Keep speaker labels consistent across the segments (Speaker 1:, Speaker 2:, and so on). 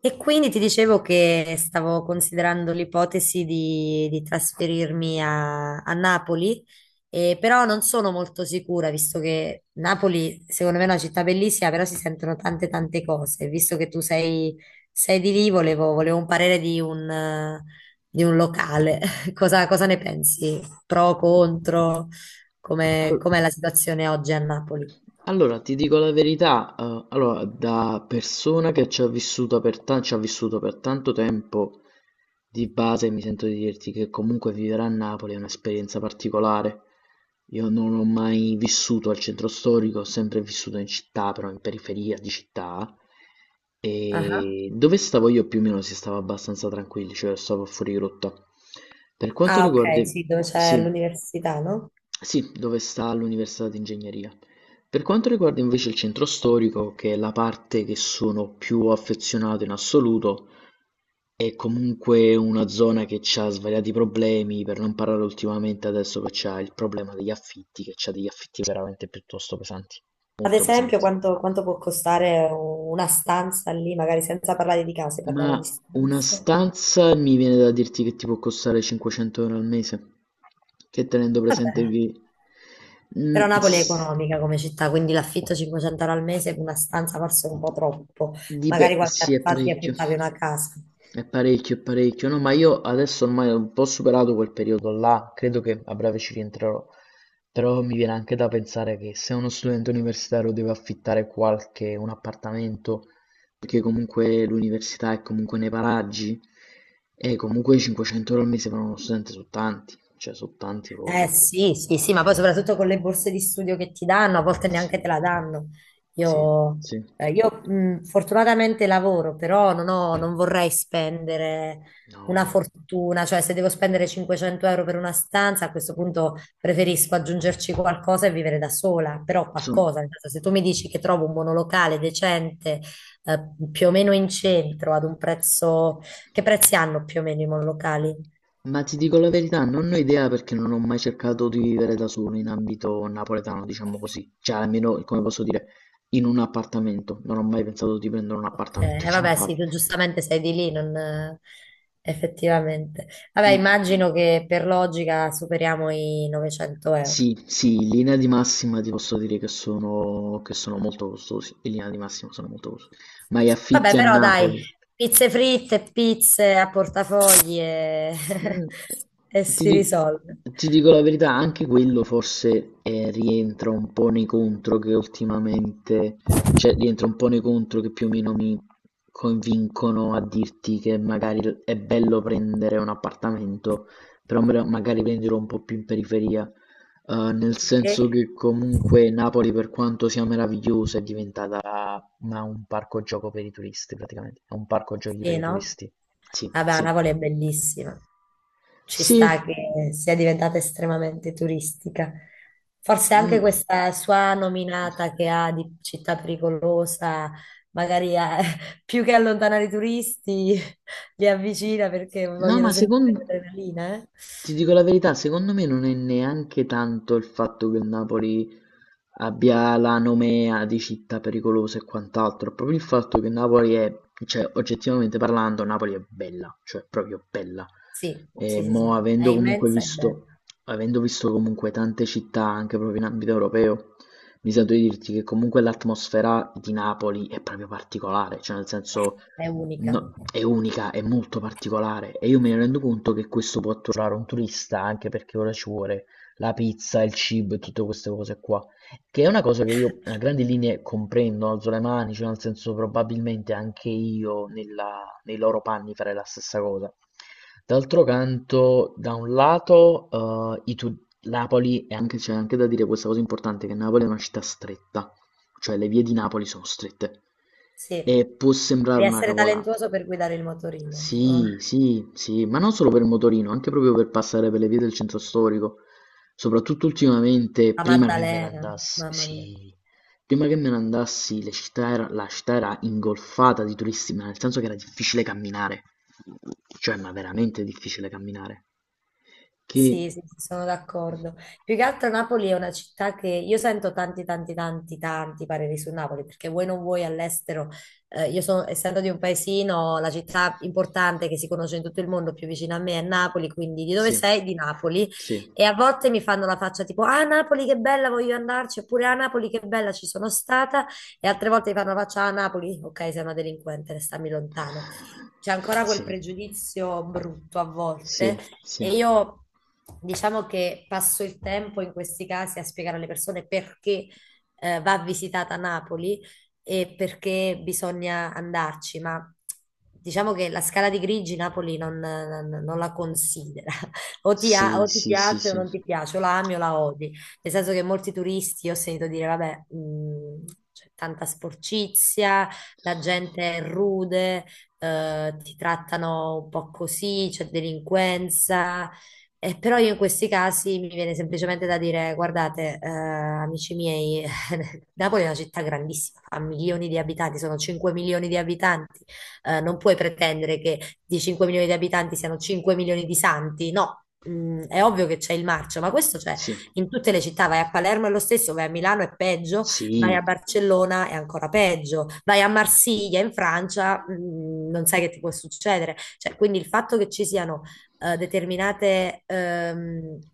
Speaker 1: E quindi ti dicevo che stavo considerando l'ipotesi di trasferirmi a Napoli, però non sono molto sicura, visto che Napoli, secondo me, è una città bellissima, però si sentono tante tante cose. Visto che tu sei di lì, volevo un parere di di un locale. Cosa ne pensi? Pro, contro?
Speaker 2: Al
Speaker 1: Com'è la situazione oggi a Napoli?
Speaker 2: allora, ti dico la verità, allora, da persona che ci ha vissuto per tanto tempo, di base mi sento di dirti che comunque vivere a Napoli è un'esperienza particolare. Io non ho mai vissuto al centro storico, ho sempre vissuto in città, però in periferia di città.
Speaker 1: Ah,
Speaker 2: E dove stavo io più o meno si stava abbastanza tranquilli, cioè stavo fuori rotta. Per quanto
Speaker 1: ah,
Speaker 2: riguarda.
Speaker 1: ok, sì, dove c'è
Speaker 2: Sì,
Speaker 1: l'università, no?
Speaker 2: sì, dove sta l'università di ingegneria. Per quanto riguarda invece il centro storico, che è la parte che sono più affezionato in assoluto, è comunque una zona che ha svariati problemi, per non parlare ultimamente adesso che c'ha il problema degli affitti, che c'ha degli affitti veramente piuttosto pesanti,
Speaker 1: Ad
Speaker 2: molto
Speaker 1: esempio,
Speaker 2: pesanti.
Speaker 1: quanto può costare una stanza lì, magari senza parlare di case, parliamo di
Speaker 2: Ma una
Speaker 1: stanze.
Speaker 2: stanza mi viene da dirti che ti può costare 500 euro al mese, che tenendo presente che.
Speaker 1: Però
Speaker 2: Mm,
Speaker 1: Napoli è
Speaker 2: s-
Speaker 1: economica come città, quindi l'affitto 500 euro al mese per una stanza forse è un po' troppo.
Speaker 2: Di
Speaker 1: Magari
Speaker 2: beh,
Speaker 1: qualche
Speaker 2: sì,
Speaker 1: anno
Speaker 2: è
Speaker 1: fa ci
Speaker 2: parecchio.
Speaker 1: affittavi una casa.
Speaker 2: È parecchio, è parecchio. No, ma io adesso ormai ho un po' superato quel periodo là, credo che a breve ci rientrerò. Però mi viene anche da pensare che se uno studente universitario deve affittare un appartamento, perché comunque l'università è comunque nei paraggi, e comunque 500 euro al mese per uno studente sono tanti, cioè sono tanti
Speaker 1: Eh
Speaker 2: proprio.
Speaker 1: sì, sì, sì, ma poi soprattutto con le borse di studio che ti danno, a volte
Speaker 2: Sì,
Speaker 1: neanche te la danno.
Speaker 2: sì,
Speaker 1: Io,
Speaker 2: sì.
Speaker 1: Fortunatamente lavoro, però non vorrei spendere una
Speaker 2: No,
Speaker 1: fortuna, cioè se devo spendere 500 euro per una stanza, a questo punto preferisco aggiungerci qualcosa e vivere da sola, però qualcosa,
Speaker 2: sono,
Speaker 1: nel senso, se tu mi dici che trovo un monolocale decente, eh, più o meno in centro, ad un prezzo... Che prezzi hanno più o meno i monolocali?
Speaker 2: Ma ti dico la verità, non ho idea perché non ho mai cercato di vivere da solo in ambito napoletano, diciamo così. Cioè, almeno, come posso dire, in un appartamento. Non ho mai pensato di prendere un
Speaker 1: Ok,
Speaker 2: appartamento in
Speaker 1: vabbè, sì,
Speaker 2: generale.
Speaker 1: tu giustamente sei di lì, non... effettivamente. Vabbè,
Speaker 2: In-
Speaker 1: immagino che per logica superiamo i 900 euro.
Speaker 2: Sì, sì, in linea di massima ti posso dire che sono molto costosi. In linea di massima sono molto costosi. Ma gli
Speaker 1: Vabbè,
Speaker 2: affitti a
Speaker 1: però dai,
Speaker 2: Napoli.
Speaker 1: pizze fritte, pizze a portafogli e,
Speaker 2: Mh,
Speaker 1: e
Speaker 2: ti
Speaker 1: si
Speaker 2: di
Speaker 1: risolve.
Speaker 2: ti dico la verità, anche quello forse, rientra un po' nei contro che ultimamente cioè rientra un po' nei contro che più o meno mi convincono a dirti che magari l è bello prendere un appartamento, però mra magari prenderlo un po' più in periferia. Nel senso
Speaker 1: Perché?
Speaker 2: che comunque Napoli per quanto sia meravigliosa è diventata una un parco gioco per i turisti praticamente, è un parco giochi per
Speaker 1: Sì,
Speaker 2: i
Speaker 1: no?
Speaker 2: turisti. Sì,
Speaker 1: Vabbè,
Speaker 2: sì.
Speaker 1: Napoli è bellissima. Ci
Speaker 2: Sì.
Speaker 1: sta che sia diventata estremamente turistica. Forse anche
Speaker 2: Mm.
Speaker 1: questa sua nominata che ha di città pericolosa, magari più che allontanare i turisti, li avvicina perché
Speaker 2: No,
Speaker 1: vogliono
Speaker 2: ma
Speaker 1: sentire
Speaker 2: secondo.
Speaker 1: l'adrenalina, eh?
Speaker 2: Ti dico la verità, secondo me non è neanche tanto il fatto che il Napoli abbia la nomea di città pericolosa e quant'altro, è proprio il fatto che Napoli è, cioè oggettivamente parlando, Napoli è bella, cioè proprio bella.
Speaker 1: Sì,
Speaker 2: E
Speaker 1: sì, sì,
Speaker 2: mo
Speaker 1: sì. È immensa e bella,
Speaker 2: avendo visto comunque tante città anche proprio in ambito europeo, mi sento di dirti che comunque l'atmosfera di Napoli è proprio particolare, cioè nel senso
Speaker 1: è unica.
Speaker 2: è unica, è molto particolare e io me ne rendo conto che questo può atturare un turista anche perché ora ci vuole la pizza, il cibo e tutte queste cose qua. Che è una cosa che io a grandi linee comprendo, alzo le mani, cioè nel senso probabilmente anche io nei loro panni farei la stessa cosa. D'altro canto, da un lato, Napoli, e anche c'è anche da dire questa cosa importante, che Napoli è una città stretta, cioè le vie di Napoli sono strette.
Speaker 1: Sì,
Speaker 2: E può sembrare
Speaker 1: devi
Speaker 2: una
Speaker 1: essere
Speaker 2: cavolata.
Speaker 1: talentuoso per guidare il motorino.
Speaker 2: Sì, sì, sì, ma non solo per il motorino, anche proprio per passare per le vie del centro storico. Soprattutto ultimamente,
Speaker 1: La
Speaker 2: prima che me ne
Speaker 1: Maddalena,
Speaker 2: andassi,
Speaker 1: mamma mia.
Speaker 2: sì, prima che me ne andassi, la città era ingolfata di turisti, ma nel senso che era difficile camminare, cioè, ma veramente difficile camminare. Che
Speaker 1: Sì, sì, sì, sono d'accordo. Più che altro Napoli è una città che io sento tanti, tanti, tanti, tanti pareri su Napoli, perché voi non vuoi all'estero, essendo di un paesino, la città importante che si conosce in tutto il mondo più vicina a me è Napoli, quindi di dove
Speaker 2: Sì,
Speaker 1: sei? Di Napoli.
Speaker 2: sì,
Speaker 1: E a volte mi fanno la faccia tipo, ah Napoli che bella, voglio andarci, oppure ah Napoli che bella, ci sono stata, e altre volte mi fanno la faccia, ah Napoli, ok, sei una delinquente, stammi lontano. C'è ancora quel
Speaker 2: sì,
Speaker 1: pregiudizio brutto a
Speaker 2: sì,
Speaker 1: volte
Speaker 2: sì,
Speaker 1: e io diciamo che passo il tempo in questi casi a spiegare alle persone perché va visitata Napoli e perché bisogna andarci, ma diciamo che la scala di grigi Napoli non la considera.
Speaker 2: sì,
Speaker 1: O ti
Speaker 2: sì, sì,
Speaker 1: piace o non ti piace, o la ami o la odi. Nel senso che molti turisti ho sentito dire, vabbè, c'è tanta sporcizia, la gente è rude, ti trattano un po' così, c'è delinquenza. Però io in questi casi mi viene semplicemente da dire, guardate, amici miei, Napoli è una città grandissima, ha milioni di abitanti, sono 5 milioni di abitanti, non puoi pretendere che di 5 milioni di abitanti siano 5 milioni di santi, no. Mm, è ovvio che c'è il marcio, ma questo c'è
Speaker 2: sì,
Speaker 1: in tutte le città, vai a Palermo è lo stesso, vai a Milano è peggio, vai
Speaker 2: sì,
Speaker 1: a
Speaker 2: sì,
Speaker 1: Barcellona è ancora peggio, vai a Marsiglia in Francia, non sai che ti può succedere. Cioè, quindi il fatto che ci siano determinate,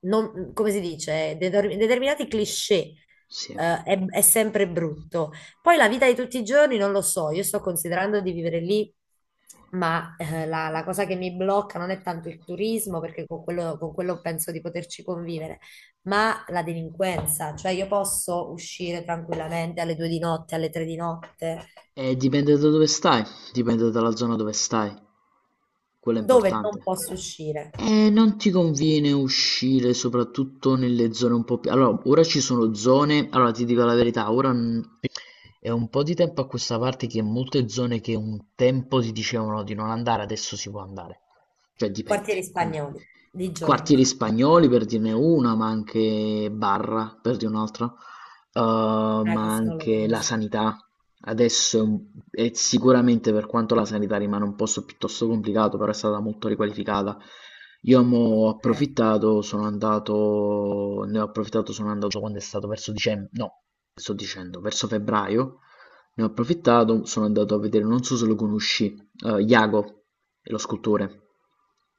Speaker 1: non- come si dice, Deter- determinati cliché.
Speaker 2: sì.
Speaker 1: È sempre brutto. Poi la vita di tutti i giorni non lo so, io sto considerando di vivere lì, ma la cosa che mi blocca non è tanto il turismo, perché con quello penso di poterci convivere, ma la delinquenza, cioè io posso uscire tranquillamente alle due di notte, alle tre di notte,
Speaker 2: E dipende da dove stai, dipende dalla zona dove stai, quello è
Speaker 1: dove non
Speaker 2: importante.
Speaker 1: posso uscire?
Speaker 2: Non ti conviene uscire soprattutto nelle zone un po' più. Allora, ora ci sono zone, allora ti dico la verità, ora è un po' di tempo a questa parte che molte zone che un tempo si dicevano di non andare, adesso si può andare. Cioè
Speaker 1: Quartieri
Speaker 2: dipende, quindi
Speaker 1: spagnoli, di giorno.
Speaker 2: quartieri spagnoli per dirne una, ma anche Barra per dire un'altra,
Speaker 1: Ah,
Speaker 2: ma
Speaker 1: questo non lo
Speaker 2: anche la
Speaker 1: conosco.
Speaker 2: sanità. Adesso è sicuramente per quanto la sanità rimane un posto piuttosto complicato, però è stata molto riqualificata. Io mo
Speaker 1: Ok.
Speaker 2: ho approfittato, sono andato, ne ho approfittato, sono andato quando è stato verso dicembre, no, sto dicendo, verso febbraio, ne ho approfittato, sono andato a vedere, non so se lo conosci, Iago, è lo scultore.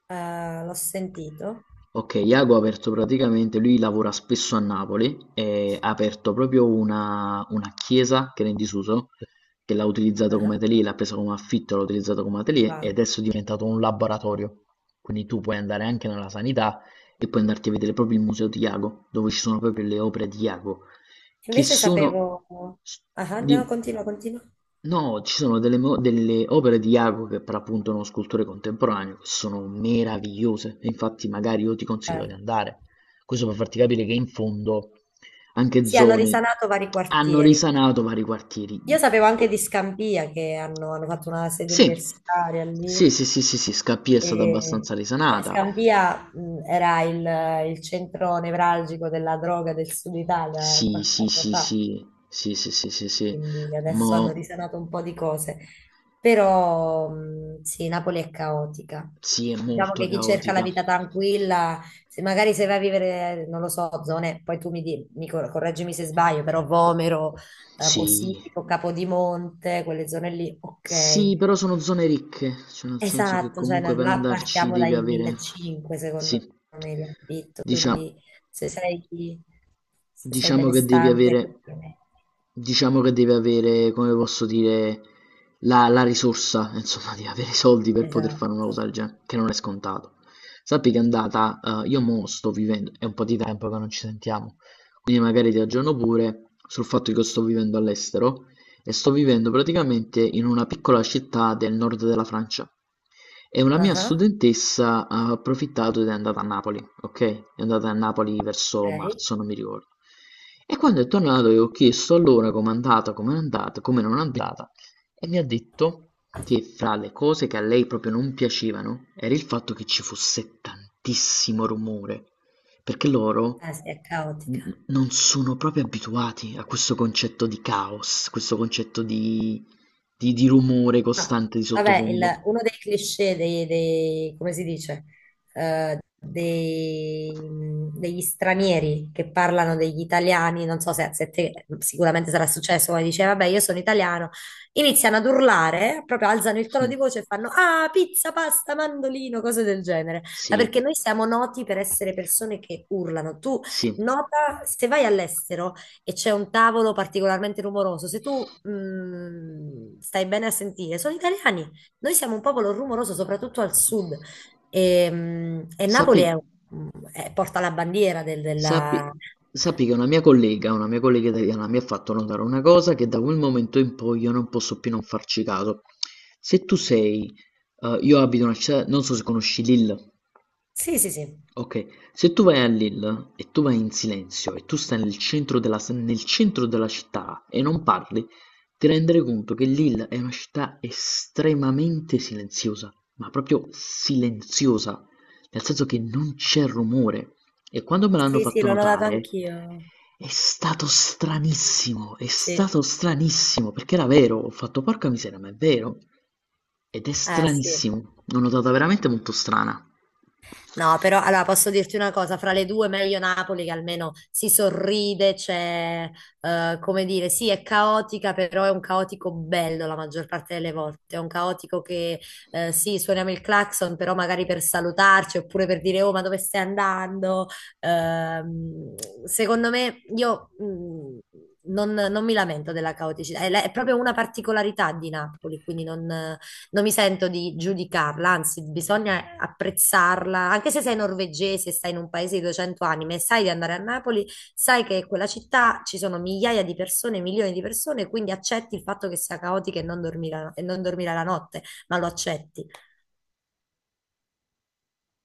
Speaker 1: L'ho sentito.
Speaker 2: Ok, Iago ha aperto praticamente, lui lavora spesso a Napoli e ha aperto proprio una chiesa che era in disuso, che l'ha utilizzato come
Speaker 1: Ah,
Speaker 2: atelier, l'ha presa come affitto, l'ha utilizzato come atelier e
Speaker 1: ah.
Speaker 2: adesso è diventato un laboratorio. Quindi tu puoi andare anche nella sanità e puoi andarti a vedere proprio il museo di Iago, dove ci sono proprio le opere di Iago, che
Speaker 1: Invece
Speaker 2: sono.
Speaker 1: sapevo... Ah, ah,
Speaker 2: di-
Speaker 1: no, continua, continua.
Speaker 2: No, ci sono delle opere di Jacopo che per appunto è uno scultore contemporaneo che sono meravigliose. E infatti, magari io ti
Speaker 1: Eh,
Speaker 2: consiglio di andare. Questo per farti capire che in fondo anche
Speaker 1: Sì, hanno
Speaker 2: zone
Speaker 1: risanato vari
Speaker 2: hanno
Speaker 1: quartieri.
Speaker 2: risanato vari quartieri.
Speaker 1: Io sapevo anche
Speaker 2: Oh,
Speaker 1: di Scampia che hanno fatto una sede
Speaker 2: Sì,
Speaker 1: universitaria
Speaker 2: sì,
Speaker 1: lì.
Speaker 2: sì, sì, sì, sì, Scappia è stata
Speaker 1: E,
Speaker 2: abbastanza
Speaker 1: cioè,
Speaker 2: risanata.
Speaker 1: Scampia, era il centro nevralgico della droga del sud Italia
Speaker 2: Sì,
Speaker 1: qualche
Speaker 2: sì,
Speaker 1: anno
Speaker 2: sì,
Speaker 1: fa,
Speaker 2: sì, sì, sì, sì, sì, sì,
Speaker 1: quindi adesso hanno
Speaker 2: mo
Speaker 1: risanato un po' di cose. Però sì, Napoli è caotica.
Speaker 2: sì, è
Speaker 1: Diciamo
Speaker 2: molto
Speaker 1: che chi cerca la
Speaker 2: caotica.
Speaker 1: vita tranquilla, se magari se vai a vivere, non lo so, zone, poi tu mi, di- mi cor- correggimi se sbaglio, però Vomero,
Speaker 2: Sì,
Speaker 1: Posillipo, Capodimonte, quelle zone lì,
Speaker 2: Sì,
Speaker 1: ok.
Speaker 2: però sono zone ricche, cioè nel senso che
Speaker 1: Esatto, cioè da
Speaker 2: comunque per
Speaker 1: là
Speaker 2: andarci
Speaker 1: partiamo
Speaker 2: devi
Speaker 1: dai
Speaker 2: avere,
Speaker 1: 1500
Speaker 2: sì,
Speaker 1: secondo me di affitto, quindi
Speaker 2: diciamo,
Speaker 1: se sei, se sei
Speaker 2: Diciamo che devi
Speaker 1: benestante, più
Speaker 2: avere
Speaker 1: o meno.
Speaker 2: diciamo che devi avere, come posso dire, la risorsa, insomma devi avere i soldi per poter fare una cosa
Speaker 1: Esatto.
Speaker 2: del genere, che non è scontato. Sappi che è andata, io mo' sto vivendo è un po' di tempo che non ci sentiamo, quindi magari ti aggiorno pure sul fatto che io sto vivendo all'estero e sto vivendo praticamente in una piccola città del nord della Francia. E una mia
Speaker 1: Ah.
Speaker 2: studentessa ha approfittato ed è andata a Napoli, okay? È andata a Napoli verso
Speaker 1: Ok?
Speaker 2: marzo, non mi ricordo. E quando è tornato io ho chiesto allora com'è andata, come non è andata e mi ha detto che fra le cose che a lei proprio non piacevano era il fatto che ci fosse tantissimo rumore, perché loro
Speaker 1: Sì, è caotica.
Speaker 2: non sono proprio abituati a questo concetto di caos, questo concetto di, rumore
Speaker 1: No.
Speaker 2: costante di
Speaker 1: Vabbè,
Speaker 2: sottofondo.
Speaker 1: uno dei cliché come si dice, Eh, dei- degli stranieri che parlano degli italiani, non so se te sicuramente sarà successo, come dice, vabbè, io sono italiano, iniziano ad urlare, proprio alzano il tono
Speaker 2: Mh.
Speaker 1: di voce e fanno, ah, pizza, pasta, mandolino, cose del genere. Ma
Speaker 2: Sì,
Speaker 1: perché noi siamo noti per essere persone che urlano. Tu
Speaker 2: sì.
Speaker 1: nota, se vai all'estero, e c'è un tavolo particolarmente rumoroso, se tu stai bene a sentire, sono italiani. Noi siamo un popolo rumoroso, soprattutto al sud. E, mh, e
Speaker 2: Sappi
Speaker 1: Napoli è- Porta la bandiera della...
Speaker 2: sappi sappi che una mia collega italiana mi ha fatto notare una cosa che da quel momento in poi io non posso più non farci caso. Se tu sei, io abito in una città non so se conosci Lille.
Speaker 1: Sì, sì, sì.
Speaker 2: Okay, se tu vai a Lille e tu vai in silenzio e tu stai nel centro della città e non parli, ti renderai conto che Lille è una città estremamente silenziosa, ma proprio silenziosa, nel senso che non c'è rumore. E quando me l'hanno
Speaker 1: Sì, sì,
Speaker 2: fatto
Speaker 1: l'ho notato
Speaker 2: notare
Speaker 1: anch'io.
Speaker 2: è
Speaker 1: Sì.
Speaker 2: stato stranissimo, perché era vero, ho fatto porca miseria, ma è vero. Ed è
Speaker 1: Sì.
Speaker 2: stranissimo, l'ho notata veramente molto strana.
Speaker 1: No, però allora posso dirti una cosa, fra le due meglio Napoli che almeno si sorride, c'è, come dire, sì, è caotica, però è un caotico bello la maggior parte delle volte, è un caotico che sì, suoniamo il clacson, però magari per salutarci oppure per dire oh, ma dove stai andando? Ehm, secondo me io non mi lamento della caoticità, è proprio una particolarità di Napoli, quindi non mi sento di giudicarla, anzi, bisogna apprezzarla, anche se sei norvegese, stai in un paese di 200 anime, e sai di andare a Napoli, sai che in quella città ci sono migliaia di persone, milioni di persone, quindi accetti il fatto che sia caotica e non dormire la- e non dormire la notte, ma lo accetti.